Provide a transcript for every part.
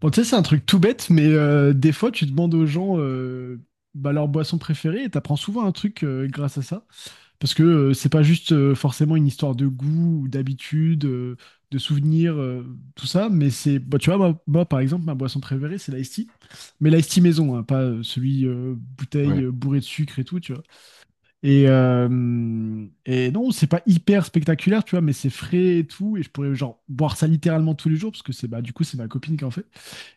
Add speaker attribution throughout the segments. Speaker 1: Bon, tu sais, c'est un truc tout bête, mais des fois, tu demandes aux gens leur boisson préférée et t'apprends souvent un truc grâce à ça. Parce que c'est pas juste forcément une histoire de goût ou d'habitude, de souvenirs, tout ça, mais tu vois, moi, par exemple, ma boisson préférée, c'est l'Ice tea. Mais l'Ice tea maison, hein, pas celui bouteille
Speaker 2: Ouais.
Speaker 1: bourré de sucre et tout, tu vois. Et non, c'est pas hyper spectaculaire, tu vois, mais c'est frais et tout. Et je pourrais, genre, boire ça littéralement tous les jours, parce que du coup, c'est ma copine qui en fait.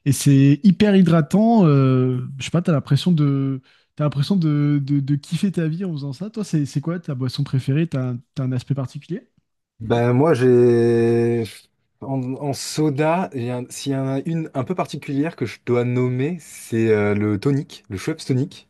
Speaker 1: Et c'est hyper hydratant. Je sais pas, t'as l'impression de kiffer ta vie en faisant ça. Toi, c'est quoi ta boisson préférée? T'as un aspect particulier?
Speaker 2: Ben moi j'ai en soda, s'il y en a une un peu particulière que je dois nommer, c'est le tonic, le Schweppes tonic.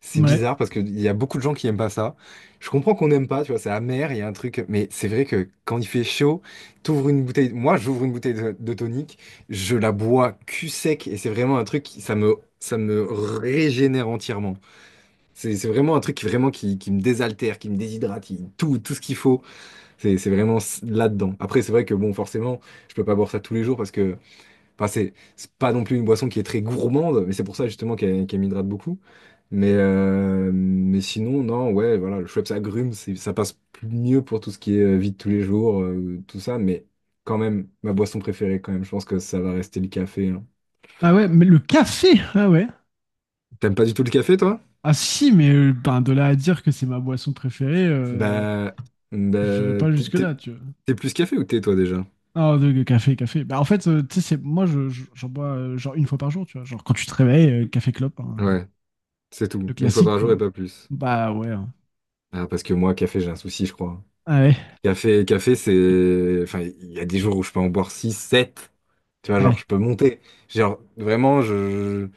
Speaker 2: C'est
Speaker 1: Ouais.
Speaker 2: bizarre parce qu'il y a beaucoup de gens qui aiment pas ça. Je comprends qu'on n'aime pas, tu vois, c'est amer, il y a un truc, mais c'est vrai que quand il fait chaud, t'ouvres une bouteille, moi j'ouvre une bouteille de tonic, je la bois cul sec et c'est vraiment un truc, ça me régénère entièrement. C'est vraiment un truc qui vraiment qui me désaltère, qui me déshydrate, tout ce qu'il faut. C'est vraiment là-dedans. Après, c'est vrai que bon, forcément, je peux pas boire ça tous les jours parce que, enfin, c'est pas non plus une boisson qui est très gourmande, mais c'est pour ça justement qu'elle m'hydrate beaucoup. Mais sinon, non, ouais, voilà, le Schweppes agrumes, ça passe mieux pour tout ce qui est vie de tous les jours, tout ça, mais quand même, ma boisson préférée, quand même, je pense que ça va rester le café, hein.
Speaker 1: Ah ouais, mais le café! Ah ouais.
Speaker 2: T'aimes pas du tout le café, toi?
Speaker 1: Ah si, mais ben, de là à dire que c'est ma boisson préférée,
Speaker 2: Bah,
Speaker 1: j'irai
Speaker 2: bah,
Speaker 1: pas
Speaker 2: t'es t'es-
Speaker 1: jusque-là, tu vois.
Speaker 2: t'es plus café ou thé, toi, déjà?
Speaker 1: De café, café. Bah en fait, tu sais, c'est, moi, je- j'en bois genre une fois par jour, tu vois. Genre quand tu te réveilles, café clope, hein.
Speaker 2: Ouais, c'est tout.
Speaker 1: Le
Speaker 2: Une fois
Speaker 1: classique,
Speaker 2: par jour et
Speaker 1: quoi.
Speaker 2: pas plus.
Speaker 1: Bah ouais. Hein.
Speaker 2: Ah, parce que moi, café, j'ai un souci, je crois.
Speaker 1: Ah ouais.
Speaker 2: Café, café, c'est. Enfin, il y a des jours où je peux en boire 6 sept. Tu vois,
Speaker 1: Ah
Speaker 2: genre,
Speaker 1: ouais.
Speaker 2: je peux monter. Genre, vraiment,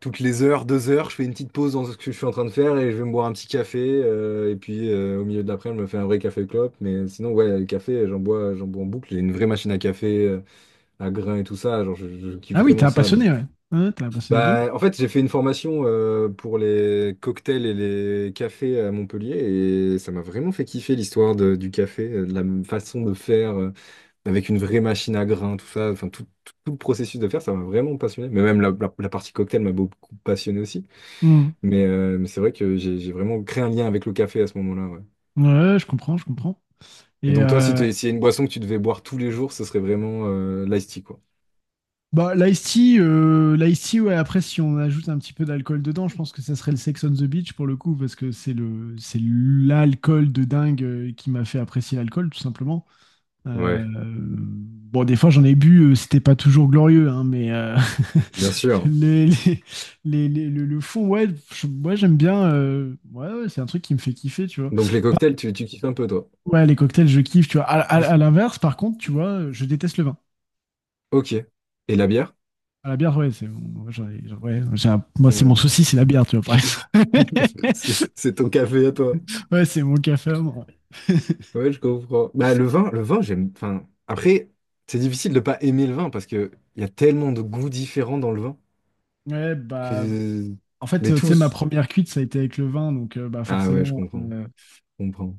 Speaker 2: Toutes les heures, deux heures, je fais une petite pause dans ce que je suis en train de faire et je vais me boire un petit café. Et puis, au milieu de l'après, je me fais un vrai café clope. Mais sinon, ouais, le café, j'en bois en boucle. J'ai une vraie machine à café, à grains et tout ça. Genre, je kiffe
Speaker 1: Ah oui, t'es
Speaker 2: vraiment
Speaker 1: un
Speaker 2: ça.
Speaker 1: passionné, ouais. Ouais, t'es un passionné de ouf.
Speaker 2: Bah, en fait, j'ai fait une formation pour les cocktails et les cafés à Montpellier et ça m'a vraiment fait kiffer l'histoire du café, de la façon de faire avec une vraie machine à grains, tout ça, enfin tout le processus de faire, ça m'a vraiment passionné. Mais même la partie cocktail m'a beaucoup passionné aussi.
Speaker 1: Hmm.
Speaker 2: Mais c'est vrai que j'ai vraiment créé un lien avec le café à ce moment-là, ouais.
Speaker 1: Ouais, je comprends, je comprends.
Speaker 2: Et
Speaker 1: Et
Speaker 2: donc toi, si
Speaker 1: euh,
Speaker 2: s'il y a une boisson que tu devais boire tous les jours, ce serait vraiment l'iced tea, quoi.
Speaker 1: L'ice-tea, l'ice-tea, ouais, après, si on ajoute un petit peu d'alcool dedans, je pense que ça serait le Sex on the Beach pour le coup, parce que c'est l'alcool de dingue qui m'a fait apprécier l'alcool, tout simplement. Euh,
Speaker 2: Ouais,
Speaker 1: bon, des fois, j'en ai bu, c'était pas toujours glorieux, hein, mais
Speaker 2: bien sûr.
Speaker 1: les- les- le fond, ouais, ouais, j'aime bien. Ouais, ouais, c'est un truc qui me fait kiffer, tu vois.
Speaker 2: Donc les cocktails, tu kiffes un peu, toi.
Speaker 1: Ouais, les cocktails, je kiffe, tu vois. À
Speaker 2: Plus.
Speaker 1: l'inverse, par contre, tu vois, je déteste le vin.
Speaker 2: Ok. Et la bière?
Speaker 1: Ah, la bière, ouais, c'est mon- j'en ai- j'en- ouais, moi, c'est mon
Speaker 2: Ouais,
Speaker 1: souci, c'est la bière, tu vois, par
Speaker 2: C'est
Speaker 1: exemple.
Speaker 2: c'est ton café à toi.
Speaker 1: Ouais, c'est mon café à moi.
Speaker 2: Ouais, je comprends. Bah, le vin, j'aime. Enfin, après, c'est difficile de pas aimer le vin parce que il y a tellement de goûts différents dans le vin
Speaker 1: Ouais, bah,
Speaker 2: que.
Speaker 1: en fait,
Speaker 2: Mais
Speaker 1: tu sais, ma
Speaker 2: tous.
Speaker 1: première cuite, ça a été avec le vin, donc bah
Speaker 2: Ah ouais, je
Speaker 1: forcément,
Speaker 2: comprends. Je comprends.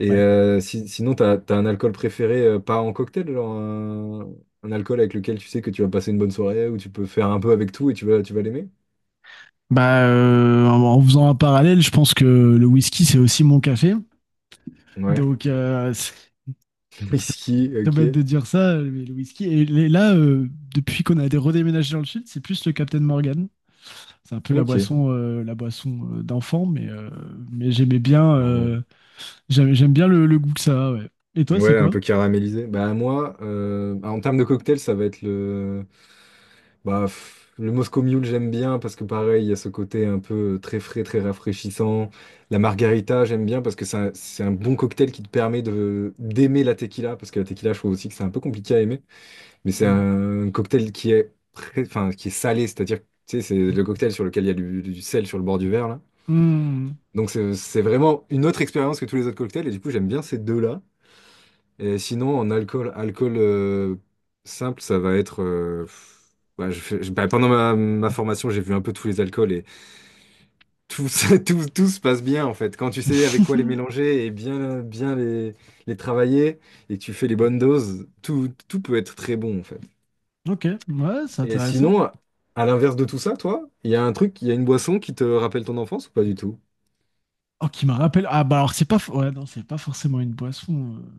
Speaker 2: Et
Speaker 1: ouais.
Speaker 2: sinon, t'as un alcool préféré, pas en cocktail, genre un alcool avec lequel tu sais que tu vas passer une bonne soirée ou tu peux faire un peu avec tout et tu vas l'aimer?
Speaker 1: Bah, en faisant un parallèle, je pense que le whisky, c'est aussi mon café.
Speaker 2: Ouais.
Speaker 1: Donc, c'est c'est très,
Speaker 2: Whisky,
Speaker 1: très bête
Speaker 2: ok.
Speaker 1: de dire ça, mais le whisky. Et là, depuis qu'on a été redéménagé dans le sud, c'est plus le Captain Morgan. C'est un peu la
Speaker 2: Ok.
Speaker 1: boisson, la boisson d'enfant, mais j'aimais bien,
Speaker 2: Non.
Speaker 1: j'aime bien le goût que ça a, ouais. Et toi, c'est
Speaker 2: Ouais, un
Speaker 1: quoi?
Speaker 2: peu caramélisé. Bah moi, en termes de cocktail, ça va être le Moscow Mule, j'aime bien parce que pareil, il y a ce côté un peu très frais, très rafraîchissant. La margarita, j'aime bien parce que c'est un bon cocktail qui te permet de d'aimer la tequila parce que la tequila, je trouve aussi que c'est un peu compliqué à aimer, mais c'est
Speaker 1: Mm.
Speaker 2: un cocktail qui est, enfin, qui est salé, c'est-à-dire, que, tu sais, c'est le cocktail sur lequel il y a du sel sur le bord du verre là.
Speaker 1: Mm.
Speaker 2: Donc c'est vraiment une autre expérience que tous les autres cocktails et du coup j'aime bien ces deux-là. Et sinon, en alcool, alcool simple, ça va être. Ouais, bah, pendant ma formation, j'ai vu un peu tous les alcools et tout, tout se passe bien en fait. Quand tu sais avec quoi les mélanger et bien, bien les travailler et que tu fais les bonnes doses, tout peut être très bon en fait.
Speaker 1: Ok, ouais, c'est
Speaker 2: Et
Speaker 1: intéressant.
Speaker 2: sinon, à l'inverse de tout ça, toi, il y a une boisson qui te rappelle ton enfance ou pas du tout?
Speaker 1: Oh, qui me rappelle. Ah, bah alors, c'est pas. Ouais, non, c'est pas forcément une boisson.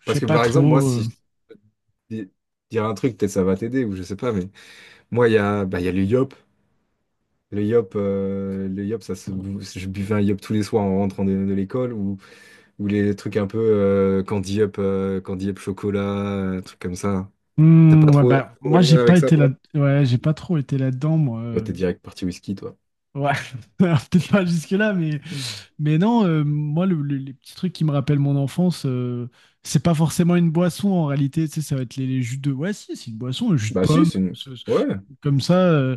Speaker 1: Je
Speaker 2: Parce
Speaker 1: sais
Speaker 2: que
Speaker 1: pas
Speaker 2: par exemple, moi,
Speaker 1: trop.
Speaker 2: si dis- dire un truc, peut-être ça va t'aider ou je sais pas, mais moi, il y a le yop. Le yop, je buvais un yop tous les soirs en rentrant de l'école ou les trucs un peu candy yop chocolat, trucs comme ça. T'as
Speaker 1: Hmm,
Speaker 2: pas
Speaker 1: ouais,
Speaker 2: trop,
Speaker 1: bah,
Speaker 2: trop
Speaker 1: moi,
Speaker 2: de
Speaker 1: j'ai
Speaker 2: lien
Speaker 1: pas
Speaker 2: avec ça,
Speaker 1: été là.
Speaker 2: toi?
Speaker 1: Ouais, j'ai pas trop été là-dedans, moi.
Speaker 2: Toi, t'es direct parti whisky, toi.
Speaker 1: Ouais, alors, peut-être pas jusque-là, mais non, moi, les petits trucs qui me rappellent mon enfance, c'est pas forcément une boisson en réalité. Tu sais, ça va être les jus de. Ouais, si, c'est une boisson, le jus de
Speaker 2: Bah si,
Speaker 1: pomme.
Speaker 2: c'est une. Ouais,
Speaker 1: Comme ça,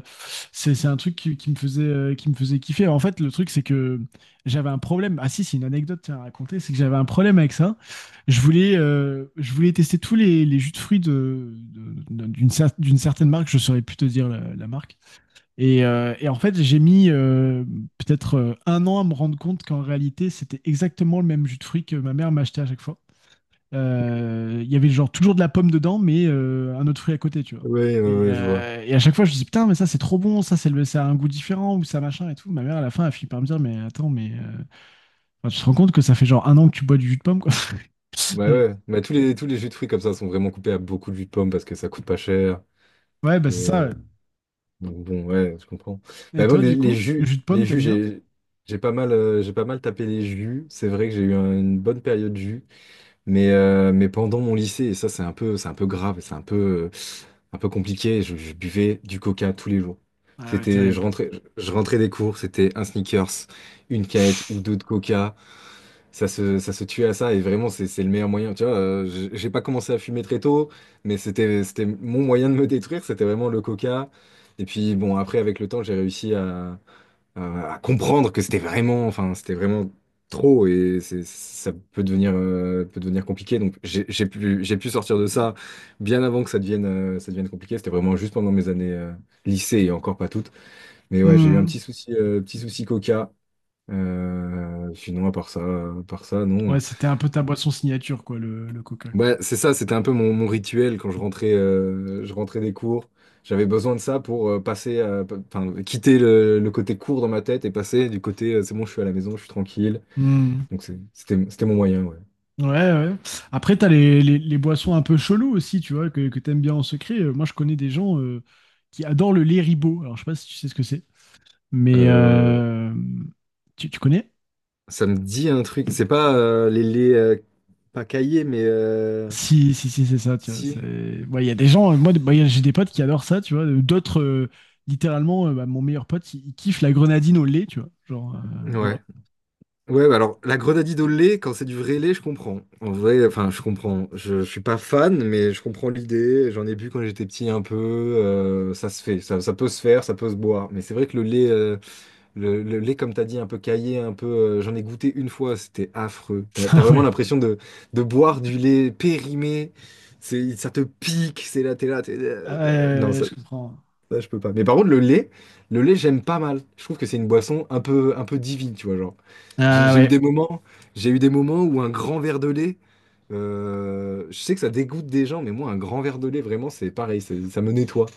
Speaker 1: c'est un truc qui me faisait kiffer. En fait, le truc, c'est que j'avais un problème. Ah si, c'est une anecdote tiens, à raconter, c'est que j'avais un problème avec ça. Je voulais tester tous les jus de fruits d'une certaine marque, je saurais plus te dire la marque. Et en fait, j'ai mis peut-être un an à me rendre compte qu'en réalité, c'était exactement le même jus de fruits que ma mère m'achetait à chaque fois. Il y avait genre toujours de la pomme dedans, mais un autre fruit à côté, tu vois.
Speaker 2: ouais, ouais,
Speaker 1: Et,
Speaker 2: ouais, je vois.
Speaker 1: euh, et à chaque fois, je dis putain, mais ça c'est trop bon, ça c'est le, ça a un goût différent ou ça machin et tout. Ma mère à la fin, elle finit par me dire, mais attends, mais enfin, tu te rends compte que ça fait genre un an que tu bois du jus de pomme, quoi.
Speaker 2: Bah
Speaker 1: Et-
Speaker 2: ouais, bah tous les jus de fruits comme ça sont vraiment coupés à beaucoup de jus de pomme parce que ça coûte pas cher.
Speaker 1: ouais, bah c'est ça. Ouais.
Speaker 2: Et donc bon, ouais, je comprends. Bah
Speaker 1: Et
Speaker 2: moi,
Speaker 1: toi,
Speaker 2: les,
Speaker 1: du
Speaker 2: les
Speaker 1: coup, le
Speaker 2: jus,
Speaker 1: jus de
Speaker 2: les
Speaker 1: pomme,
Speaker 2: jus,
Speaker 1: t'aimes bien?
Speaker 2: j'ai pas mal tapé les jus. C'est vrai que j'ai eu une bonne période jus. Mais pendant mon lycée, et ça c'est un peu grave, c'est un peu compliqué, je buvais du coca tous les jours.
Speaker 1: Ah ouais,
Speaker 2: C'était, je
Speaker 1: terrible.
Speaker 2: rentrais, je rentrais des cours, c'était un sneakers, une canette ou deux de coca. Ça se tuait à ça et vraiment c'est le meilleur moyen. Tu vois, j'ai pas commencé à fumer très tôt, mais c'était mon moyen de me détruire, c'était vraiment le coca. Et puis bon, après avec le temps, j'ai réussi à comprendre que c'était vraiment, enfin, c'était vraiment trop et ça peut devenir compliqué. Donc j'ai pu sortir de ça bien avant que ça devienne compliqué. C'était vraiment juste pendant mes années lycée et encore pas toutes. Mais ouais, j'ai eu un
Speaker 1: Hmm.
Speaker 2: petit souci, euh, petit souci coca. Sinon, à part ça,
Speaker 1: Ouais,
Speaker 2: non.
Speaker 1: c'était un peu ta boisson signature, quoi, le coca, quoi.
Speaker 2: Ouais, c'est ça, c'était un peu mon rituel quand je rentrais des cours. J'avais besoin de ça pour passer, enfin, quitter le côté cours dans ma tête et passer du côté c'est bon, je suis à la maison, je suis tranquille.
Speaker 1: Hmm.
Speaker 2: Donc c'était mon moyen, ouais.
Speaker 1: Ouais, ouais. Après, t'as les boissons un peu cheloues aussi, tu vois, que t'aimes bien en secret. Moi, je connais des gens qui adorent le lait ribot. Alors, je sais pas si tu sais ce que c'est, mais
Speaker 2: Euh,
Speaker 1: tu connais?
Speaker 2: Ça me dit un truc, c'est pas les pas cahiers, mais
Speaker 1: Si, c'est ça, tu vois.
Speaker 2: si.
Speaker 1: Ouais, il y a des gens, moi, j'ai des potes qui adorent ça, tu vois. D'autres, littéralement, bah, mon meilleur pote, il kiffe la grenadine au lait, tu vois. Genre, voilà.
Speaker 2: Ouais. Ouais, bah alors la grenadine au lait, quand c'est du vrai lait, je comprends. En vrai, enfin, je comprends. Je suis pas fan, mais je comprends l'idée. J'en ai bu quand j'étais petit un peu. Ça se fait, ça peut se faire, ça peut se boire. Mais c'est vrai que le lait, comme t'as dit, un peu caillé, un peu. J'en ai goûté une fois, c'était affreux. T'as
Speaker 1: Ah ouais.
Speaker 2: vraiment l'impression de boire du lait périmé. C'est, ça te pique. C'est là, t'es là. Non,
Speaker 1: Je comprends.
Speaker 2: ça, je peux pas. Mais par contre, le lait, j'aime pas mal. Je trouve que c'est une boisson un peu divine, tu vois, genre. J'ai
Speaker 1: Ah
Speaker 2: j'ai eu
Speaker 1: ouais.
Speaker 2: des moments où un grand verre de lait, je sais que ça dégoûte des gens, mais moi, un grand verre de lait, vraiment, c'est pareil, ça me nettoie.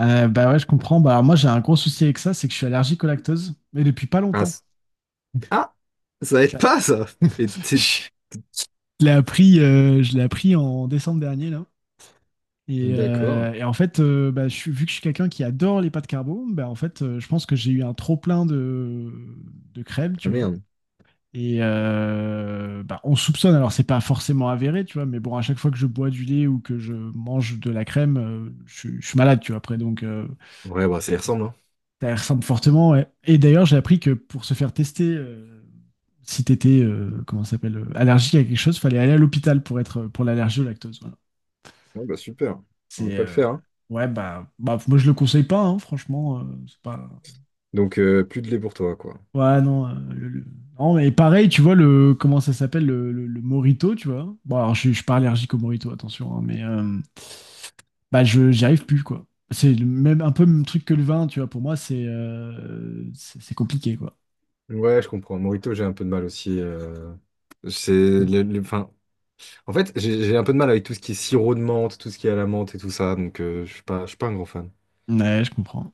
Speaker 1: Bah ouais, je comprends. Bah, alors moi, j'ai un gros souci avec ça, c'est que je suis allergique au lactose, mais depuis pas
Speaker 2: Ah,
Speaker 1: longtemps.
Speaker 2: ah, ça aide
Speaker 1: Bah,
Speaker 2: pas, ça. Et t'es-
Speaker 1: je l'ai appris, je l'ai appris en décembre dernier, là. Et,
Speaker 2: D'accord.
Speaker 1: euh, et en fait, bah, je suis, vu que je suis quelqu'un qui adore les pâtes carbo, bah, en fait, je pense que j'ai eu un trop-plein de crème,
Speaker 2: Ah
Speaker 1: tu vois.
Speaker 2: merde.
Speaker 1: Et bah, on soupçonne, alors c'est pas forcément avéré, tu vois, mais bon, à chaque fois que je bois du lait ou que je mange de la crème, je suis malade, tu vois, après, donc
Speaker 2: Ouais, bah, ça y ressemble, hein.
Speaker 1: ça ressemble fortement. Ouais. Et d'ailleurs, j'ai appris que pour se faire tester. Si t'étais, comment ça s'appelle, allergique à quelque chose, fallait aller à l'hôpital pour être pour l'allergie au lactose. Voilà.
Speaker 2: Ouais, bah, super. On va
Speaker 1: C'est
Speaker 2: pas le faire, hein.
Speaker 1: Ouais bah, bah moi je le conseille pas, hein, franchement, c'est pas.
Speaker 2: Donc, plus de lait pour toi, quoi.
Speaker 1: Ouais non, non mais pareil, tu vois le comment ça s'appelle le Morito, tu vois. Bon alors je suis pas allergique au Morito, attention, hein, mais bah je j'y arrive plus quoi. C'est le même un peu le même truc que le vin, tu vois. Pour moi c'est compliqué quoi.
Speaker 2: Ouais, je comprends. Morito, j'ai un peu de mal aussi. C'est le- enfin, En fait, j'ai un peu de mal avec tout ce qui est sirop de menthe, tout ce qui est à la menthe et tout ça, donc je suis pas un grand fan.
Speaker 1: Ouais, je comprends.